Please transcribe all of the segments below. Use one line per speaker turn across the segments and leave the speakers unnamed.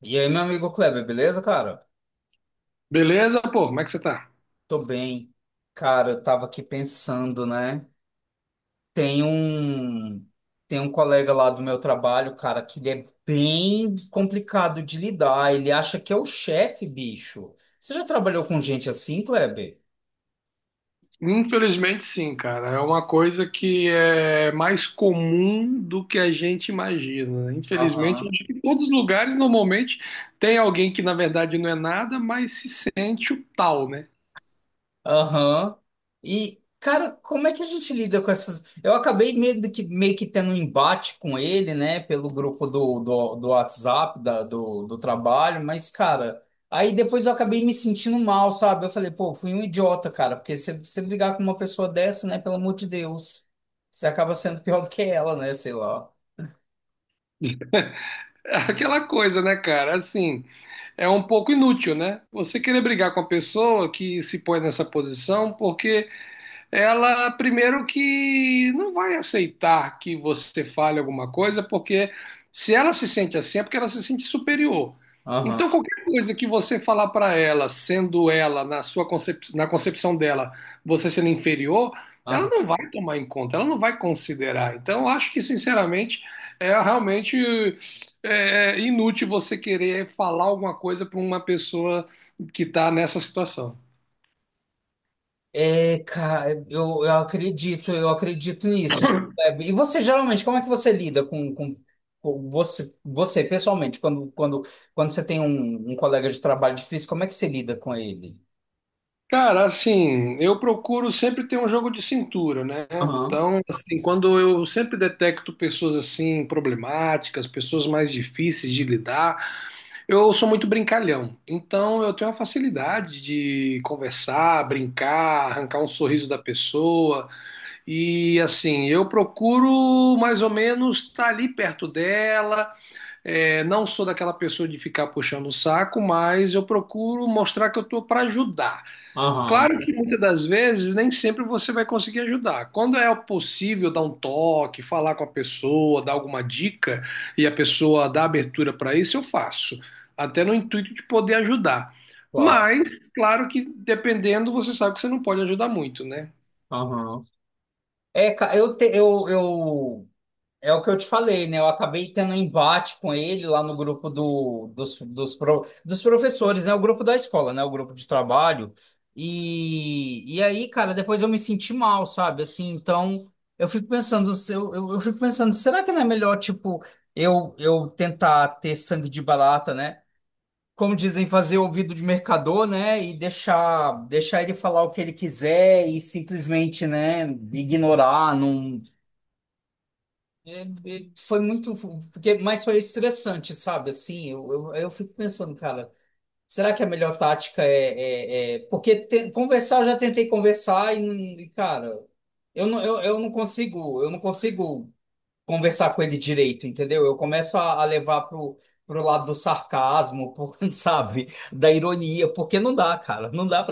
E aí, meu amigo Kleber, beleza, cara?
Beleza, pô, como é que você tá?
Tô bem. Cara, eu tava aqui pensando, né? Tem um Tem um colega lá do meu trabalho, cara, que ele é bem complicado de lidar. Ele acha que é o chefe, bicho. Você já trabalhou com gente assim, Kleber?
Infelizmente, sim, cara. É uma coisa que é mais comum do que a gente imagina. Infelizmente,
Aham.
acho que em todos os lugares, normalmente, tem alguém que, na verdade, não é nada, mas se sente o tal, né?
Aham. E, cara, como é que a gente lida com essas. Eu acabei meio que tendo um embate com ele, né, pelo grupo do WhatsApp, do trabalho, mas, cara, aí depois eu acabei me sentindo mal, sabe? Eu falei, pô, fui um idiota, cara, porque se você brigar com uma pessoa dessa, né, pelo amor de Deus, você acaba sendo pior do que ela, né, sei lá.
É aquela coisa, né, cara? Assim, é um pouco inútil, né? Você querer brigar com a pessoa que se põe nessa posição, porque ela primeiro que não vai aceitar que você fale alguma coisa, porque se ela se sente assim, é porque ela se sente superior.
Aham,
Então, qualquer coisa que você falar para ela, sendo ela, na sua na concepção dela, você sendo inferior, ela
aham.
não vai tomar em conta, ela não vai considerar. Então, eu acho que, sinceramente, é realmente é inútil você querer falar alguma coisa para uma pessoa que está nessa situação.
É, cara, eu acredito, eu acredito nisso. É, e você, geralmente, como é que você lida com você, pessoalmente, quando você tem um colega de trabalho difícil, como é que você lida com ele?
Cara, assim, eu procuro sempre ter um jogo de cintura, né?
Aham,
Então, assim, quando eu sempre detecto pessoas assim problemáticas, pessoas mais difíceis de lidar, eu sou muito brincalhão. Então, eu tenho a facilidade de conversar, brincar, arrancar um sorriso da pessoa e assim, eu procuro mais ou menos estar ali perto dela. É, não sou daquela pessoa de ficar puxando o saco, mas eu procuro mostrar que eu tô para ajudar.
aham,
Claro que muitas das vezes nem sempre você vai conseguir ajudar. Quando é possível dar um toque, falar com a pessoa, dar alguma dica e a pessoa dá abertura para isso, eu faço, até no intuito de poder ajudar.
claro,
Mas, claro que dependendo, você sabe que você não pode ajudar muito, né?
aham. É, cara, eu é o que eu te falei, né? Eu acabei tendo um embate com ele lá no grupo do, dos, dos, pro- dos professores, né? O grupo da escola, né? O grupo de trabalho. E aí, cara, depois eu me senti mal, sabe? Assim, então eu fico pensando, se eu fico pensando, será que não é melhor, tipo, eu tentar ter sangue de barata, né? Como dizem, fazer ouvido de mercador, né? E deixar ele falar o que ele quiser e simplesmente, né, ignorar, não. Foi muito, porque, mas foi estressante, sabe? Assim, eu fico pensando, cara, será que a melhor tática é conversar? Eu já tentei conversar e, cara, eu não consigo, eu não consigo conversar com ele direito, entendeu? Eu começo a levar pro lado do sarcasmo, sabe? Da ironia, porque não dá, cara, não dá,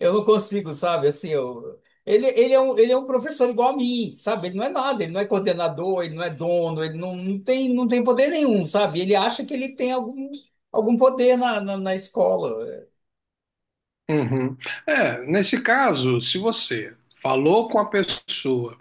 eu não consigo, sabe? Assim, eu... ele é um professor igual a mim, sabe? Ele não é nada, ele não é coordenador, ele não é dono, ele não, não tem poder nenhum, sabe? Ele acha que ele tem algum poder na escola.
Uhum. É, nesse caso, se você falou com a pessoa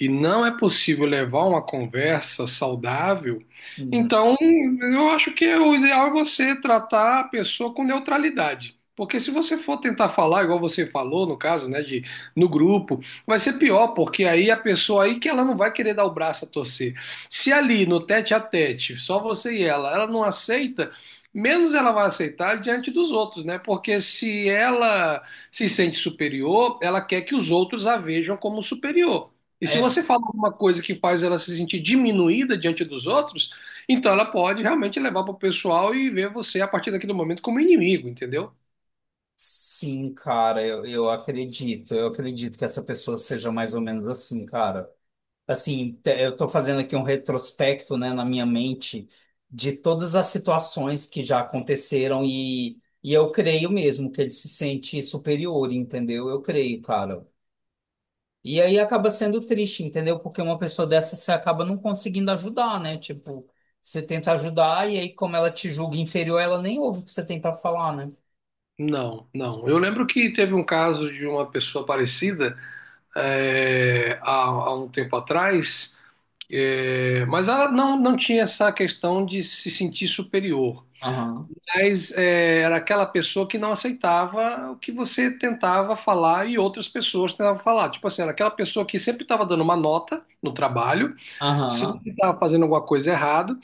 e não é possível levar uma conversa saudável,
Uhum.
então eu acho que é o ideal é você tratar a pessoa com neutralidade. Porque se você for tentar falar, igual você falou, no caso, né, de no grupo, vai ser pior, porque aí a pessoa aí que ela não vai querer dar o braço a torcer. Se ali no tete a tete, só você e ela não aceita, menos ela vai aceitar diante dos outros, né? Porque se ela se sente superior, ela quer que os outros a vejam como superior. E se
É,
você fala alguma coisa que faz ela se sentir diminuída diante dos outros, então ela pode realmente levar para o pessoal e ver você a partir daquele momento como inimigo, entendeu?
sim, cara, eu acredito. Eu acredito que essa pessoa seja mais ou menos assim, cara. Assim, eu estou fazendo aqui um retrospecto, né, na minha mente de todas as situações que já aconteceram, e eu creio mesmo que ele se sente superior, entendeu? Eu creio, cara. E aí acaba sendo triste, entendeu? Porque uma pessoa dessa você acaba não conseguindo ajudar, né? Tipo, você tenta ajudar e aí como ela te julga inferior, ela nem ouve o que você tem para falar, né?
Não, não, eu lembro que teve um caso de uma pessoa parecida, é, há um tempo atrás, é, mas ela não tinha essa questão de se sentir superior.
Aham,
Mas é, era aquela pessoa que não aceitava o que você tentava falar e outras pessoas tentavam falar. Tipo assim, era aquela pessoa que sempre estava dando uma nota no trabalho,
aham,
sempre estava fazendo alguma coisa errada,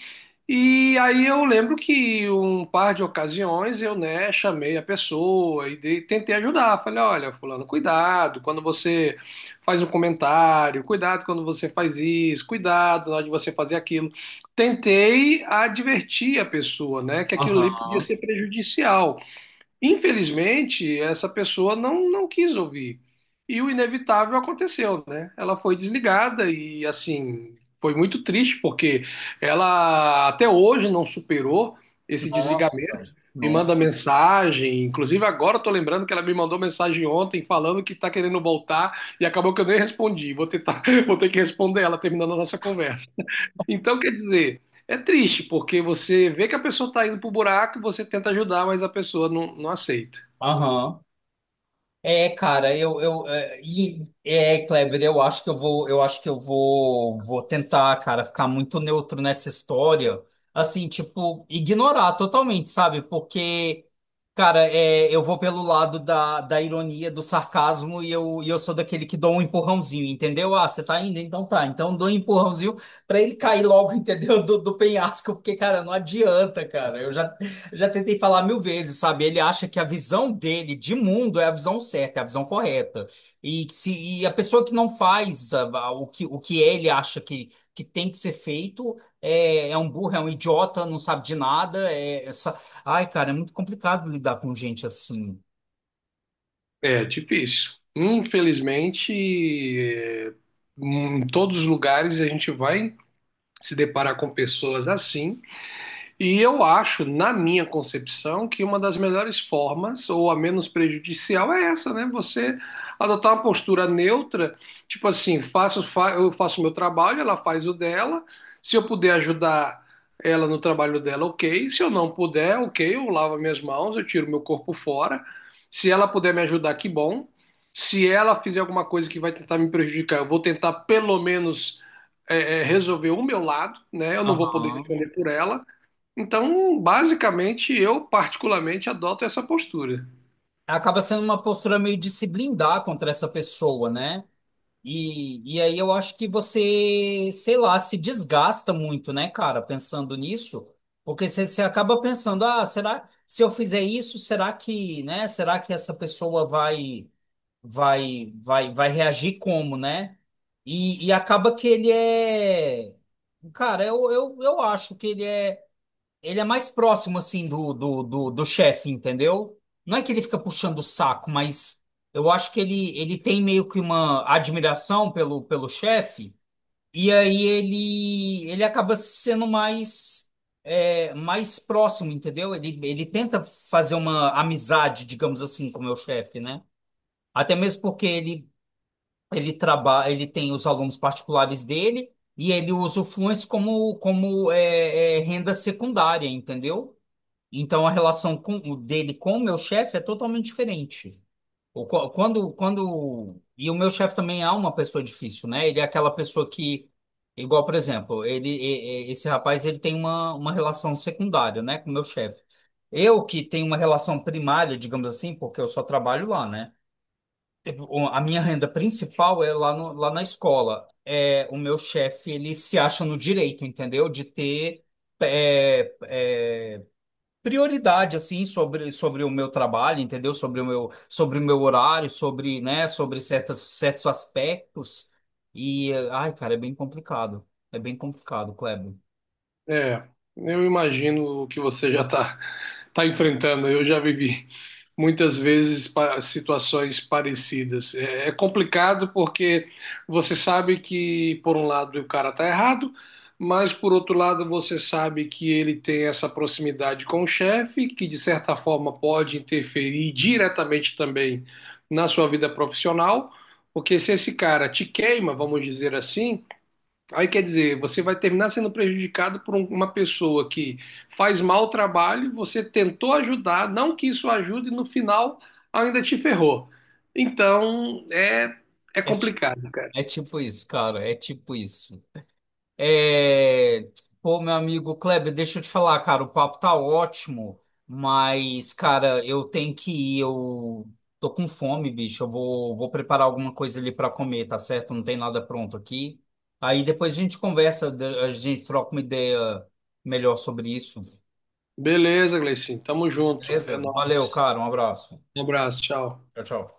e aí eu lembro que um par de ocasiões eu, né, chamei a pessoa e tentei ajudar. Falei, olha, fulano, cuidado quando você faz um comentário, cuidado quando você faz isso, cuidado na hora de você fazer aquilo. Tentei advertir a pessoa, né, que aquilo ali podia
aham.
ser prejudicial. Infelizmente, essa pessoa não quis ouvir. E o inevitável aconteceu, né? Ela foi desligada e, assim, foi muito triste, porque ela até hoje não superou esse
Nossa,
desligamento. Me manda
nossa.
mensagem, inclusive agora eu tô lembrando que ela me mandou mensagem ontem falando que tá querendo voltar e acabou que eu nem respondi. Vou tentar, vou ter que responder ela terminando a nossa conversa. Então, quer dizer, é triste, porque você vê que a pessoa tá indo pro buraco, você tenta ajudar, mas a pessoa não aceita.
Aham. É, cara, eu é, e- é, Kleber, eu acho que eu vou, eu acho que eu vou, vou tentar, cara, ficar muito neutro nessa história, assim, tipo, ignorar totalmente, sabe? Porque, cara, é, eu vou pelo lado da ironia, do sarcasmo, e eu sou daquele que dou um empurrãozinho, entendeu? Ah, você tá indo? Então tá. Então dou um empurrãozinho pra ele cair logo, entendeu? Do penhasco, porque, cara, não adianta, cara. Eu já Já tentei falar mil vezes, sabe? Ele acha que a visão dele de mundo é a visão certa, é a visão correta. E, que se, e a pessoa que não faz o que ele acha que tem que ser feito é, é um burro, é um idiota, não sabe de nada. É essa... Ai, cara, é muito complicado lidar com gente assim.
É difícil. Infelizmente, é, em todos os lugares a gente vai se deparar com pessoas assim. E eu acho, na minha concepção, que uma das melhores formas, ou a menos prejudicial, é essa, né? Você adotar uma postura neutra, tipo assim, eu faço o meu trabalho, ela faz o dela. Se eu puder ajudar ela no trabalho dela, ok. Se eu não puder, ok, eu lavo minhas mãos, eu tiro meu corpo fora. Se ela puder me ajudar, que bom. Se ela fizer alguma coisa que vai tentar me prejudicar, eu vou tentar pelo menos resolver o meu lado, né? Eu não vou poder
Aham.
responder por ela. Então, basicamente, eu particularmente adoto essa postura.
Acaba sendo uma postura meio de se blindar contra essa pessoa, né? E aí eu acho que você, sei lá, se desgasta muito, né, cara, pensando nisso, porque você acaba pensando, ah, será, se eu fizer isso, será que, né, será que essa pessoa vai reagir como, né? E acaba que ele é, cara, eu acho que ele é, ele é mais próximo, assim, do chefe, entendeu? Não é que ele fica puxando o saco, mas eu acho que ele tem meio que uma admiração pelo, pelo chefe, e aí ele acaba sendo mais, é, mais próximo, entendeu? Ele tenta fazer uma amizade, digamos assim, com o meu chefe, né? Até mesmo porque ele trabalha, ele tem os alunos particulares dele, e ele usa o Fluence como, como é, é, renda secundária, entendeu? Então a relação o dele com o meu chefe é totalmente diferente. Quando, quando, e o meu chefe também é uma pessoa difícil, né? Ele é aquela pessoa que, igual, por exemplo, esse rapaz, ele tem uma relação secundária, né, com o meu chefe. Eu que tenho uma relação primária, digamos assim, porque eu só trabalho lá, né? Tipo, a minha renda principal é lá, no, lá na escola. É, o meu chefe, ele se acha no direito, entendeu? De ter é, é, prioridade assim sobre o meu trabalho, entendeu? Sobre o meu horário, sobre, né, sobre certos aspectos. E ai, cara, é bem complicado. É bem complicado, Kleber.
É, eu imagino o que você já está tá enfrentando. Eu já vivi muitas vezes situações parecidas. É, é complicado porque você sabe que, por um lado, o cara está errado, mas, por outro lado, você sabe que ele tem essa proximidade com o chefe, que, de certa forma, pode interferir diretamente também na sua vida profissional. Porque se esse cara te queima, vamos dizer assim. Aí quer dizer, você vai terminar sendo prejudicado por uma pessoa que faz mal o trabalho, você tentou ajudar, não que isso ajude, e no final ainda te ferrou. Então é, é
É tipo,
complicado, cara.
é tipo isso, cara, é tipo isso. É... Pô, meu amigo Kleber, deixa eu te falar, cara, o papo tá ótimo, mas, cara, eu tenho que ir, eu tô com fome, bicho, vou preparar alguma coisa ali pra comer, tá certo? Não tem nada pronto aqui. Aí depois a gente conversa, a gente troca uma ideia melhor sobre isso,
Beleza, Gleicinho. Tamo junto. É
beleza? Valeu,
nóis.
cara, um abraço.
Um abraço, tchau.
Tchau, tchau.